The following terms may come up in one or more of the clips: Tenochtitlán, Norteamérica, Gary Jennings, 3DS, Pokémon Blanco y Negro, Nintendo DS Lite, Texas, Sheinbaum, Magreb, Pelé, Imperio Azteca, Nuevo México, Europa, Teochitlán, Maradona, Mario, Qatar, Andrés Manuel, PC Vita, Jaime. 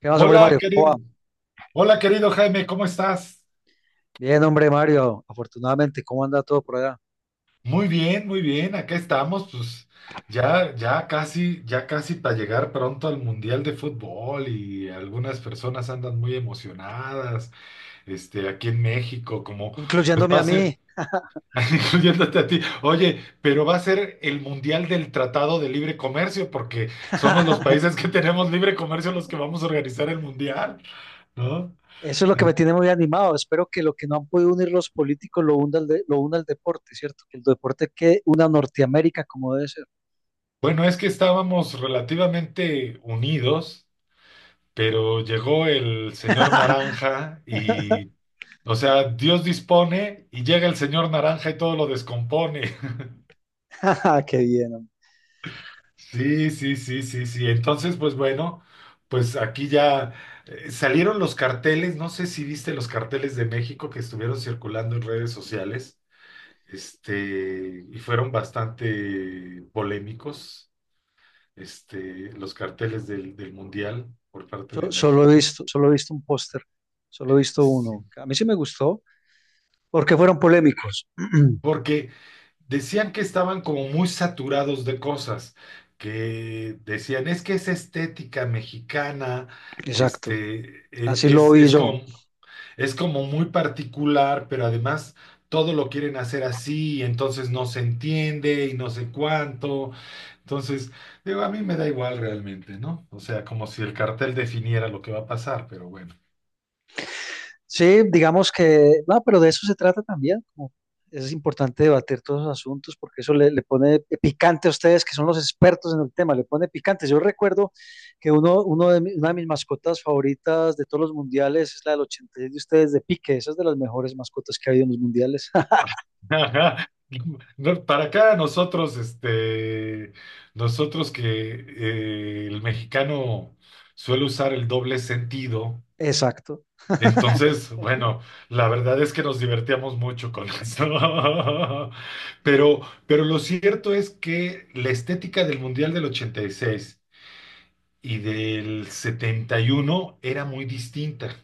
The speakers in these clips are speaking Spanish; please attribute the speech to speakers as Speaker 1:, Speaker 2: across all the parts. Speaker 1: ¿Qué más, hombre
Speaker 2: Hola,
Speaker 1: Mario? ¿Cómo va?
Speaker 2: querido, hola, querido Jaime, ¿cómo estás?
Speaker 1: Bien, hombre Mario, afortunadamente, ¿cómo anda todo por allá?
Speaker 2: Muy bien, acá estamos, pues ya casi para llegar pronto al Mundial de Fútbol y algunas personas andan muy emocionadas, aquí en México, como, pues
Speaker 1: Incluyéndome
Speaker 2: va
Speaker 1: a
Speaker 2: a ser,
Speaker 1: mí.
Speaker 2: incluyéndote a ti. Oye, pero va a ser el Mundial del Tratado de Libre Comercio, porque somos los países que tenemos libre comercio los que vamos a organizar el Mundial, ¿no?
Speaker 1: Eso es lo que me tiene muy animado. Espero que lo que no han podido unir los políticos lo una lo una el deporte, ¿cierto? Que el deporte que una Norteamérica como debe ser.
Speaker 2: Bueno, es que estábamos relativamente unidos, pero llegó el señor Naranja y, o sea, Dios dispone y llega el señor Naranja y todo lo descompone.
Speaker 1: Qué bien, hombre.
Speaker 2: Sí, sí, sí, sí, sí. Entonces, pues bueno, pues aquí ya salieron los carteles. No sé si viste los carteles de México que estuvieron circulando en redes sociales, y fueron bastante polémicos. Los carteles del Mundial por parte de
Speaker 1: Solo he
Speaker 2: México,
Speaker 1: visto, solo he visto un póster, solo he visto
Speaker 2: sí.
Speaker 1: uno. A mí sí me gustó porque fueron polémicos.
Speaker 2: Porque decían que estaban como muy saturados de cosas, que decían, es que es estética mexicana,
Speaker 1: Exacto,
Speaker 2: este,
Speaker 1: así
Speaker 2: e-
Speaker 1: lo
Speaker 2: es,
Speaker 1: vi
Speaker 2: es
Speaker 1: yo.
Speaker 2: como, es como muy particular, pero además todo lo quieren hacer así, y entonces no se entiende y no sé cuánto. Entonces, digo, a mí me da igual realmente, ¿no? O sea, como si el cartel definiera lo que va a pasar, pero bueno.
Speaker 1: Sí, digamos que, no, pero de eso se trata también. Como es importante debatir todos los asuntos porque eso le pone picante a ustedes que son los expertos en el tema, le pone picante. Yo recuerdo que uno una de mis mascotas favoritas de todos los mundiales es la del 86 de ustedes de Pique, esa es de las mejores mascotas que ha habido en los mundiales.
Speaker 2: Ajá. No, para acá nosotros, nosotros que el mexicano suele usar el doble sentido.
Speaker 1: Exacto.
Speaker 2: Entonces, bueno, la verdad es que nos divertíamos mucho con eso. Pero, pero lo cierto es que la estética del Mundial del ochenta y seis y del 71 era muy distinta.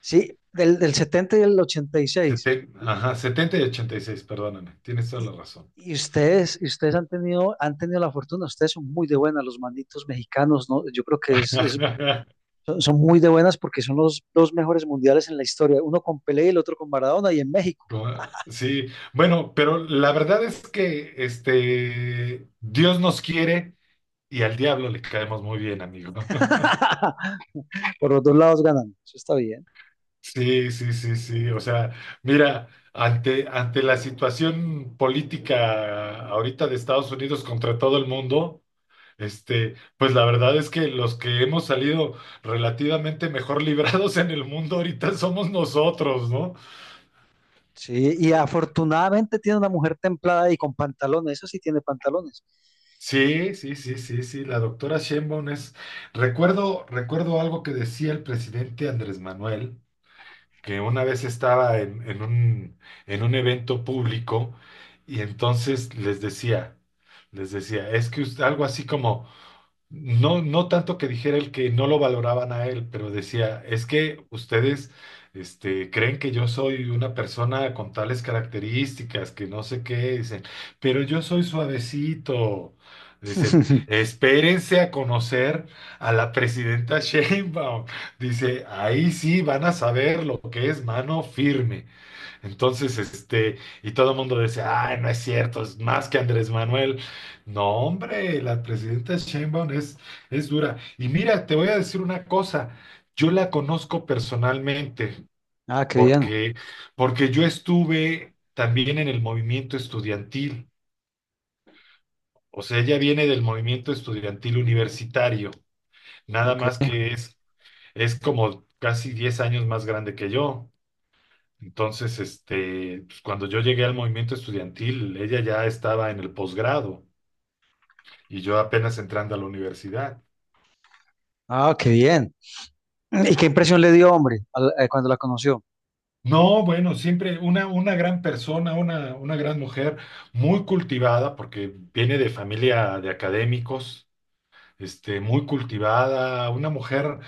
Speaker 1: Sí, del 70 y del 86.
Speaker 2: Setenta y ochenta y seis, perdóname, tienes toda
Speaker 1: Y, seis.
Speaker 2: la razón.
Speaker 1: Y y ustedes han tenido la fortuna, ustedes son muy de buena, los manitos mexicanos, ¿no? Yo creo que es son, son muy de buenas porque son los dos mejores mundiales en la historia, uno con Pelé y el otro con Maradona y en México.
Speaker 2: Sí, bueno, pero la verdad es que Dios nos quiere y al diablo le caemos muy bien, amigo.
Speaker 1: Por los dos lados ganan, eso está bien.
Speaker 2: Sí, sí, sí, sí. O sea, mira, ante la situación política ahorita de Estados Unidos contra todo el mundo, pues la verdad es que los que hemos salido relativamente mejor librados en el mundo ahorita somos nosotros, ¿no?
Speaker 1: Sí, y afortunadamente tiene una mujer templada y con pantalones, eso sí tiene pantalones.
Speaker 2: Sí, sí, sí, sí, sí, la doctora Sheinbaum es... Recuerdo algo que decía el presidente Andrés Manuel, que una vez estaba en un evento público, y entonces les decía, es que algo así como... No, no tanto que dijera el que no lo valoraban a él, pero decía, es que ustedes, creen que yo soy una persona con tales características, que no sé qué, dicen, pero yo soy suavecito. Dicen, espérense a conocer a la presidenta Sheinbaum. Dice, ahí sí van a saber lo que es mano firme. Entonces, y todo el mundo dice, ay, no es cierto, es más que Andrés Manuel. No, hombre, la presidenta Sheinbaum es dura. Y mira, te voy a decir una cosa, yo la conozco personalmente,
Speaker 1: Ah, qué bien,
Speaker 2: porque, porque yo estuve también en el movimiento estudiantil. O sea, ella viene del movimiento estudiantil universitario, nada
Speaker 1: ok.
Speaker 2: más que es como casi 10 años más grande que yo. Entonces, pues, cuando yo llegué al movimiento estudiantil, ella ya estaba en el posgrado y yo apenas entrando a la universidad.
Speaker 1: Ah, qué bien. ¿Y qué impresión le dio, hombre, cuando la conoció?
Speaker 2: No, bueno, siempre una gran persona, una gran mujer, muy cultivada, porque viene de familia de académicos, muy cultivada, una mujer,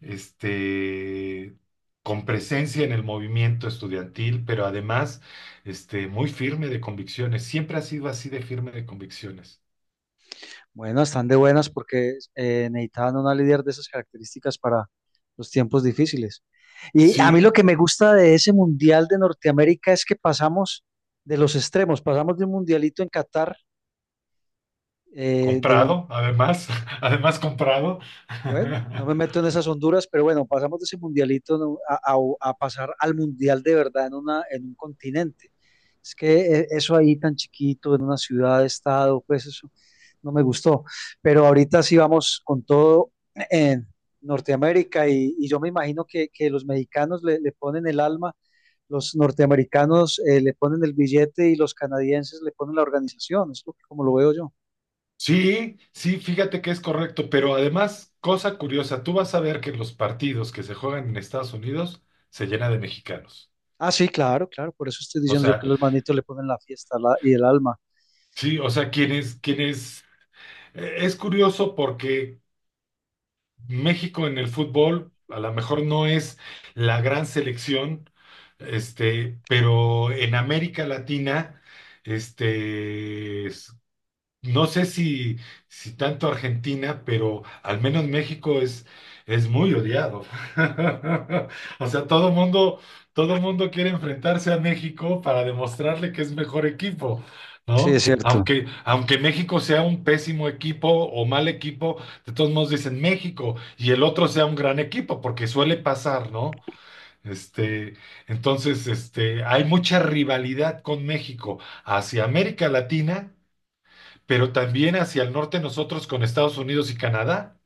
Speaker 2: este, con presencia en el movimiento estudiantil, pero además, muy firme de convicciones. Siempre ha sido así de firme de convicciones.
Speaker 1: Bueno, están de buenas porque necesitaban una líder de esas características para los tiempos difíciles. Y a mí lo
Speaker 2: Sí.
Speaker 1: que me gusta de ese Mundial de Norteamérica es que pasamos de los extremos, pasamos de un mundialito en Qatar, eh, de, un-
Speaker 2: Comprado, además, además comprado.
Speaker 1: Bueno, no me meto en esas honduras, pero bueno, pasamos de ese mundialito, ¿no? A pasar al mundial de verdad en una, en un continente. Es que eso ahí tan chiquito, en una ciudad, estado, pues eso no me gustó. Pero ahorita sí vamos con todo en Norteamérica y yo me imagino que los mexicanos le ponen el alma, los norteamericanos le ponen el billete y los canadienses le ponen la organización, es como lo veo yo.
Speaker 2: Sí, sí, fíjate que es correcto, pero además, cosa curiosa, tú vas a ver que los partidos que se juegan en Estados Unidos se llenan de mexicanos.
Speaker 1: Ah, sí, claro, claro, por eso estoy
Speaker 2: O
Speaker 1: diciendo yo que
Speaker 2: sea,
Speaker 1: los manitos le ponen la fiesta y el alma.
Speaker 2: sí, o sea, es curioso porque México en el fútbol a lo mejor no es la gran selección, pero en América Latina, este, es- no sé si, si tanto Argentina, pero al menos México es muy odiado. O sea, todo mundo quiere enfrentarse a México para demostrarle que es mejor equipo,
Speaker 1: Sí, es
Speaker 2: ¿no?
Speaker 1: cierto.
Speaker 2: Aunque México sea un pésimo equipo o mal equipo, de todos modos dicen México y el otro sea un gran equipo, porque suele pasar, ¿no? Este, entonces, hay mucha rivalidad con México hacia América Latina, pero también hacia el norte nosotros con Estados Unidos y Canadá.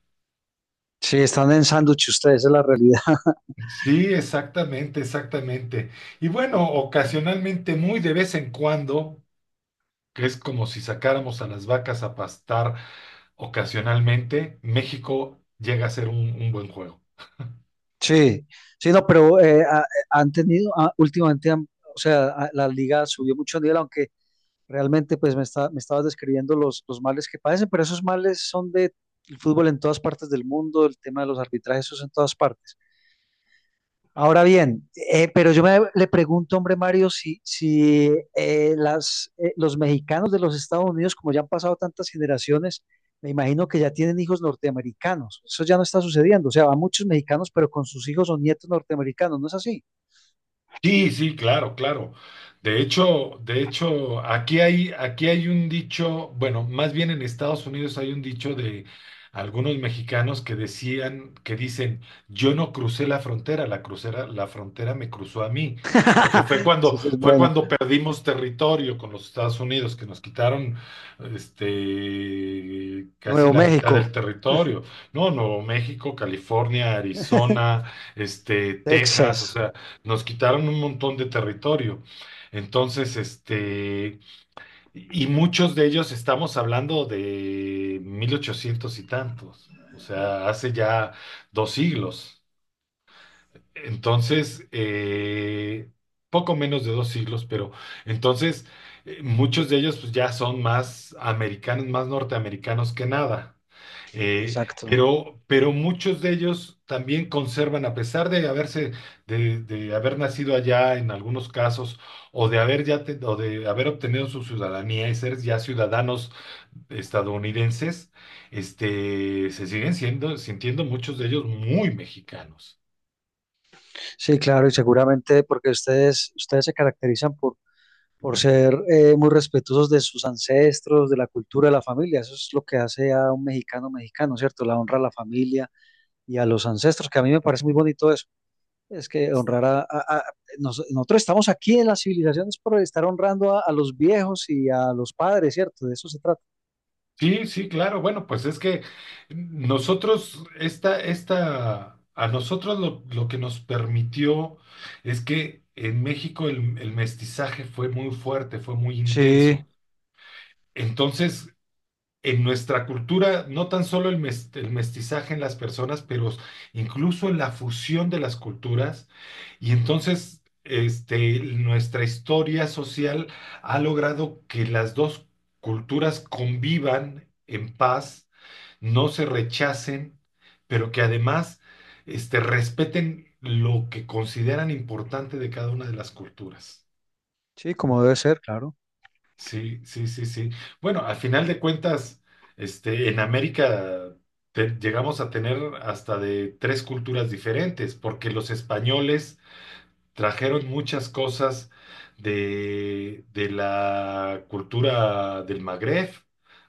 Speaker 1: Sí, están en sándwich ustedes, esa es la realidad.
Speaker 2: Sí, exactamente, exactamente. Y bueno, ocasionalmente, muy de vez en cuando, que es como si sacáramos a las vacas a pastar ocasionalmente, México llega a ser un buen juego.
Speaker 1: Sí, sí, no, pero han tenido, ah, últimamente, o sea, ah, la liga subió mucho nivel, aunque realmente pues me estabas describiendo los males que padecen, pero esos males son de el fútbol en todas partes del mundo, el tema de los arbitrajes, eso es en todas partes. Ahora bien, pero le pregunto, hombre Mario, si los mexicanos de los Estados Unidos, como ya han pasado tantas generaciones, me imagino que ya tienen hijos norteamericanos. Eso ya no está sucediendo. O sea, van muchos mexicanos, pero con sus hijos o nietos norteamericanos, ¿no es así?
Speaker 2: Sí, sí, claro, claro. De hecho, aquí hay un dicho, bueno, más bien en Estados Unidos hay un dicho de algunos mexicanos que decían, que dicen, yo no crucé la frontera, la crucera, la frontera me cruzó a mí, porque
Speaker 1: Sí, sí, es
Speaker 2: fue
Speaker 1: bueno.
Speaker 2: cuando perdimos territorio con los Estados Unidos, que nos quitaron casi
Speaker 1: Nuevo
Speaker 2: la mitad
Speaker 1: México,
Speaker 2: del territorio. No, Nuevo México, California, Arizona, Texas, o
Speaker 1: Texas.
Speaker 2: sea. Nos quitaron un montón de territorio. Entonces, y muchos de ellos, estamos hablando de 1800 y tantos, o sea, hace ya 2 siglos. Entonces, poco menos de 2 siglos. Pero entonces muchos de ellos pues ya son más americanos, más norteamericanos que nada. Eh,
Speaker 1: Exacto.
Speaker 2: pero, pero muchos de ellos también conservan, a pesar de haberse, de haber nacido allá en algunos casos, o de haber ya o de haber obtenido su ciudadanía y ser ya ciudadanos estadounidenses, se siguen siendo, sintiendo muchos de ellos muy mexicanos.
Speaker 1: Sí, claro, y seguramente porque ustedes, ustedes se caracterizan por ser muy respetuosos de sus ancestros, de la cultura de la familia. Eso es lo que hace a un mexicano mexicano, ¿cierto? La honra a la familia y a los ancestros, que a mí me parece muy bonito eso. Es que honrar a nosotros estamos aquí en las civilizaciones por estar honrando a los viejos y a los padres, ¿cierto? De eso se trata.
Speaker 2: Sí, sí, claro. Bueno, pues es que nosotros, a nosotros lo que nos permitió es que en México el mestizaje fue muy fuerte, fue muy intenso.
Speaker 1: Sí,
Speaker 2: Entonces, en nuestra cultura, no tan solo el mestizaje en las personas, pero incluso en la fusión de las culturas. Y entonces, nuestra historia social ha logrado que las dos culturas convivan en paz, no se rechacen, pero que además respeten lo que consideran importante de cada una de las culturas.
Speaker 1: sí, como debe ser, claro.
Speaker 2: Sí, sí, sí, sí. Bueno, al final de cuentas, en América llegamos a tener hasta de tres culturas diferentes, porque los españoles trajeron muchas cosas de la cultura del Magreb,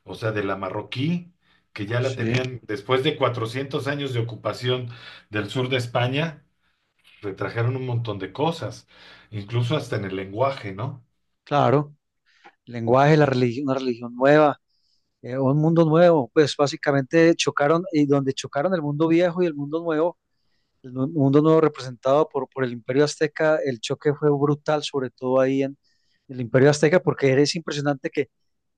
Speaker 2: o sea, de la marroquí, que ya la
Speaker 1: Sí,
Speaker 2: tenían después de 400 años de ocupación del sur de España. Retrajeron un montón de cosas, incluso hasta en el lenguaje, ¿no?
Speaker 1: claro. El lenguaje, la religión, una religión nueva. Un mundo nuevo, pues básicamente chocaron y donde chocaron el mundo viejo y el mundo nuevo, mundo nuevo representado por el Imperio Azteca, el choque fue brutal, sobre todo ahí en el Imperio Azteca, porque es impresionante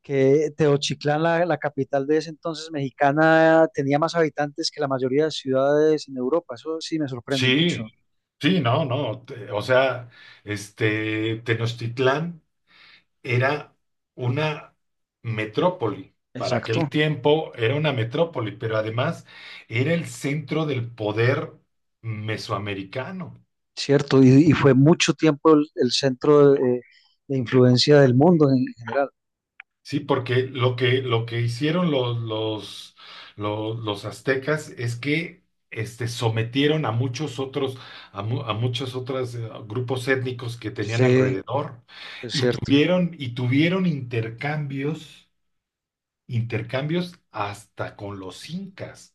Speaker 1: que Teochitlán, la capital de ese entonces mexicana, tenía más habitantes que la mayoría de ciudades en Europa, eso sí me sorprende mucho.
Speaker 2: Sí, sí, no, no, o sea, Tenochtitlán era una metrópoli. Para aquel
Speaker 1: Exacto,
Speaker 2: tiempo era una metrópoli, pero además era el centro del poder mesoamericano.
Speaker 1: cierto, y fue mucho tiempo el centro de influencia del mundo en general.
Speaker 2: Sí, porque lo que hicieron los aztecas es que sometieron a muchos otros, a muchos otros grupos étnicos que tenían
Speaker 1: Sí,
Speaker 2: alrededor,
Speaker 1: es cierto.
Speaker 2: y tuvieron intercambios, hasta con los incas.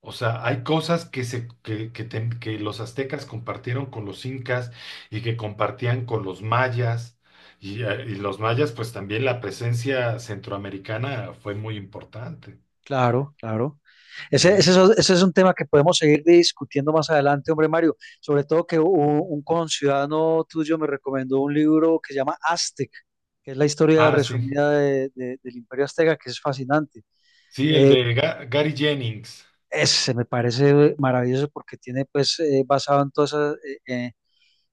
Speaker 2: O sea, hay cosas que, se, que ten- que los aztecas compartieron con los incas y que compartían con los mayas. Y los mayas, pues también la presencia centroamericana fue muy importante.
Speaker 1: Claro, claro.
Speaker 2: Sí.
Speaker 1: Ese es un tema que podemos seguir discutiendo más adelante, hombre Mario. Sobre todo que un conciudadano tuyo me recomendó un libro que se llama Aztec, que es la historia
Speaker 2: Ah, sí.
Speaker 1: resumida del Imperio Azteca, que es fascinante.
Speaker 2: Sí, el
Speaker 1: Eh,
Speaker 2: de Gary Jennings.
Speaker 1: Ese me parece maravilloso porque tiene, pues, basado en todo,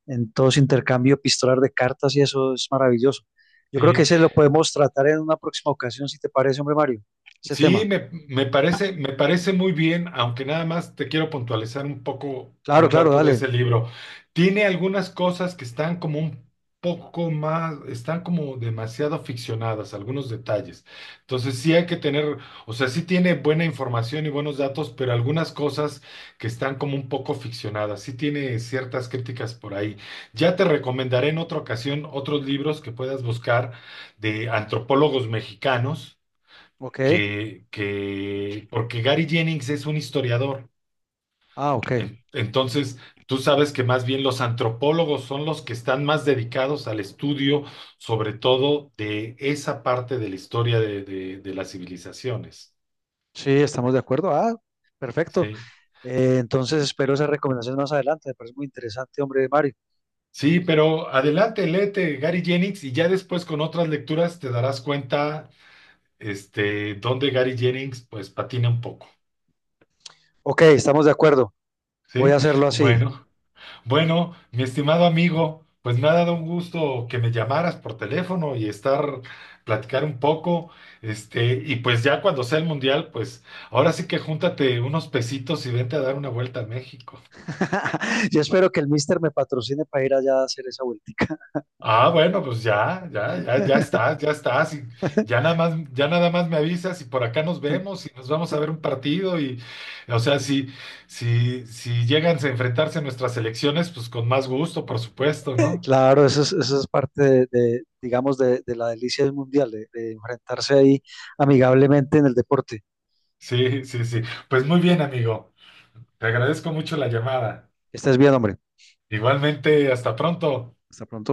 Speaker 1: en todo ese intercambio epistolar de cartas y eso es maravilloso. Yo creo que
Speaker 2: Sí.
Speaker 1: ese lo podemos tratar en una próxima ocasión, si te parece, hombre Mario, ese
Speaker 2: Sí,
Speaker 1: tema.
Speaker 2: me parece muy bien, aunque nada más te quiero puntualizar un poco
Speaker 1: Claro,
Speaker 2: un
Speaker 1: claro,
Speaker 2: dato de
Speaker 1: dale.
Speaker 2: ese libro. Tiene algunas cosas que están como un poco más, están como demasiado ficcionadas, algunos detalles. Entonces sí hay que tener, o sea, sí tiene buena información y buenos datos, pero algunas cosas que están como un poco ficcionadas. Sí tiene ciertas críticas por ahí. Ya te recomendaré en otra ocasión otros libros que puedas buscar de antropólogos mexicanos
Speaker 1: Ok.
Speaker 2: porque Gary Jennings es un historiador.
Speaker 1: Ah, ok.
Speaker 2: Entonces, tú sabes que más bien los antropólogos son los que están más dedicados al estudio, sobre todo de esa parte de la historia de las civilizaciones.
Speaker 1: Sí, estamos de acuerdo. Ah, perfecto.
Speaker 2: Sí.
Speaker 1: Entonces espero esas recomendaciones más adelante. Me parece muy interesante, hombre, Mario.
Speaker 2: Sí, pero adelante, léete Gary Jennings y ya después con otras lecturas te darás cuenta dónde Gary Jennings pues patina un poco.
Speaker 1: Ok, estamos de acuerdo. Voy
Speaker 2: Sí.
Speaker 1: a hacerlo así.
Speaker 2: Bueno. Bueno, mi estimado amigo, pues me ha dado un gusto que me llamaras por teléfono y estar, platicar un poco, y pues ya cuando sea el mundial, pues ahora sí que júntate unos pesitos y vente a dar una vuelta a México.
Speaker 1: Yo espero que el Mister me patrocine para ir allá a hacer esa vuelta.
Speaker 2: Ah, bueno, pues ya estás, y ya nada más me avisas y por acá nos vemos y nos vamos a ver un partido y, o sea, si llegan a enfrentarse nuestras elecciones, pues con más gusto, por supuesto, ¿no?
Speaker 1: Claro, eso es parte de, digamos, de la delicia del mundial, de enfrentarse ahí amigablemente en el deporte.
Speaker 2: Sí, sí, sí. Pues muy bien, amigo. Te agradezco mucho la llamada.
Speaker 1: Que estés bien, hombre.
Speaker 2: Igualmente, hasta pronto.
Speaker 1: Hasta pronto.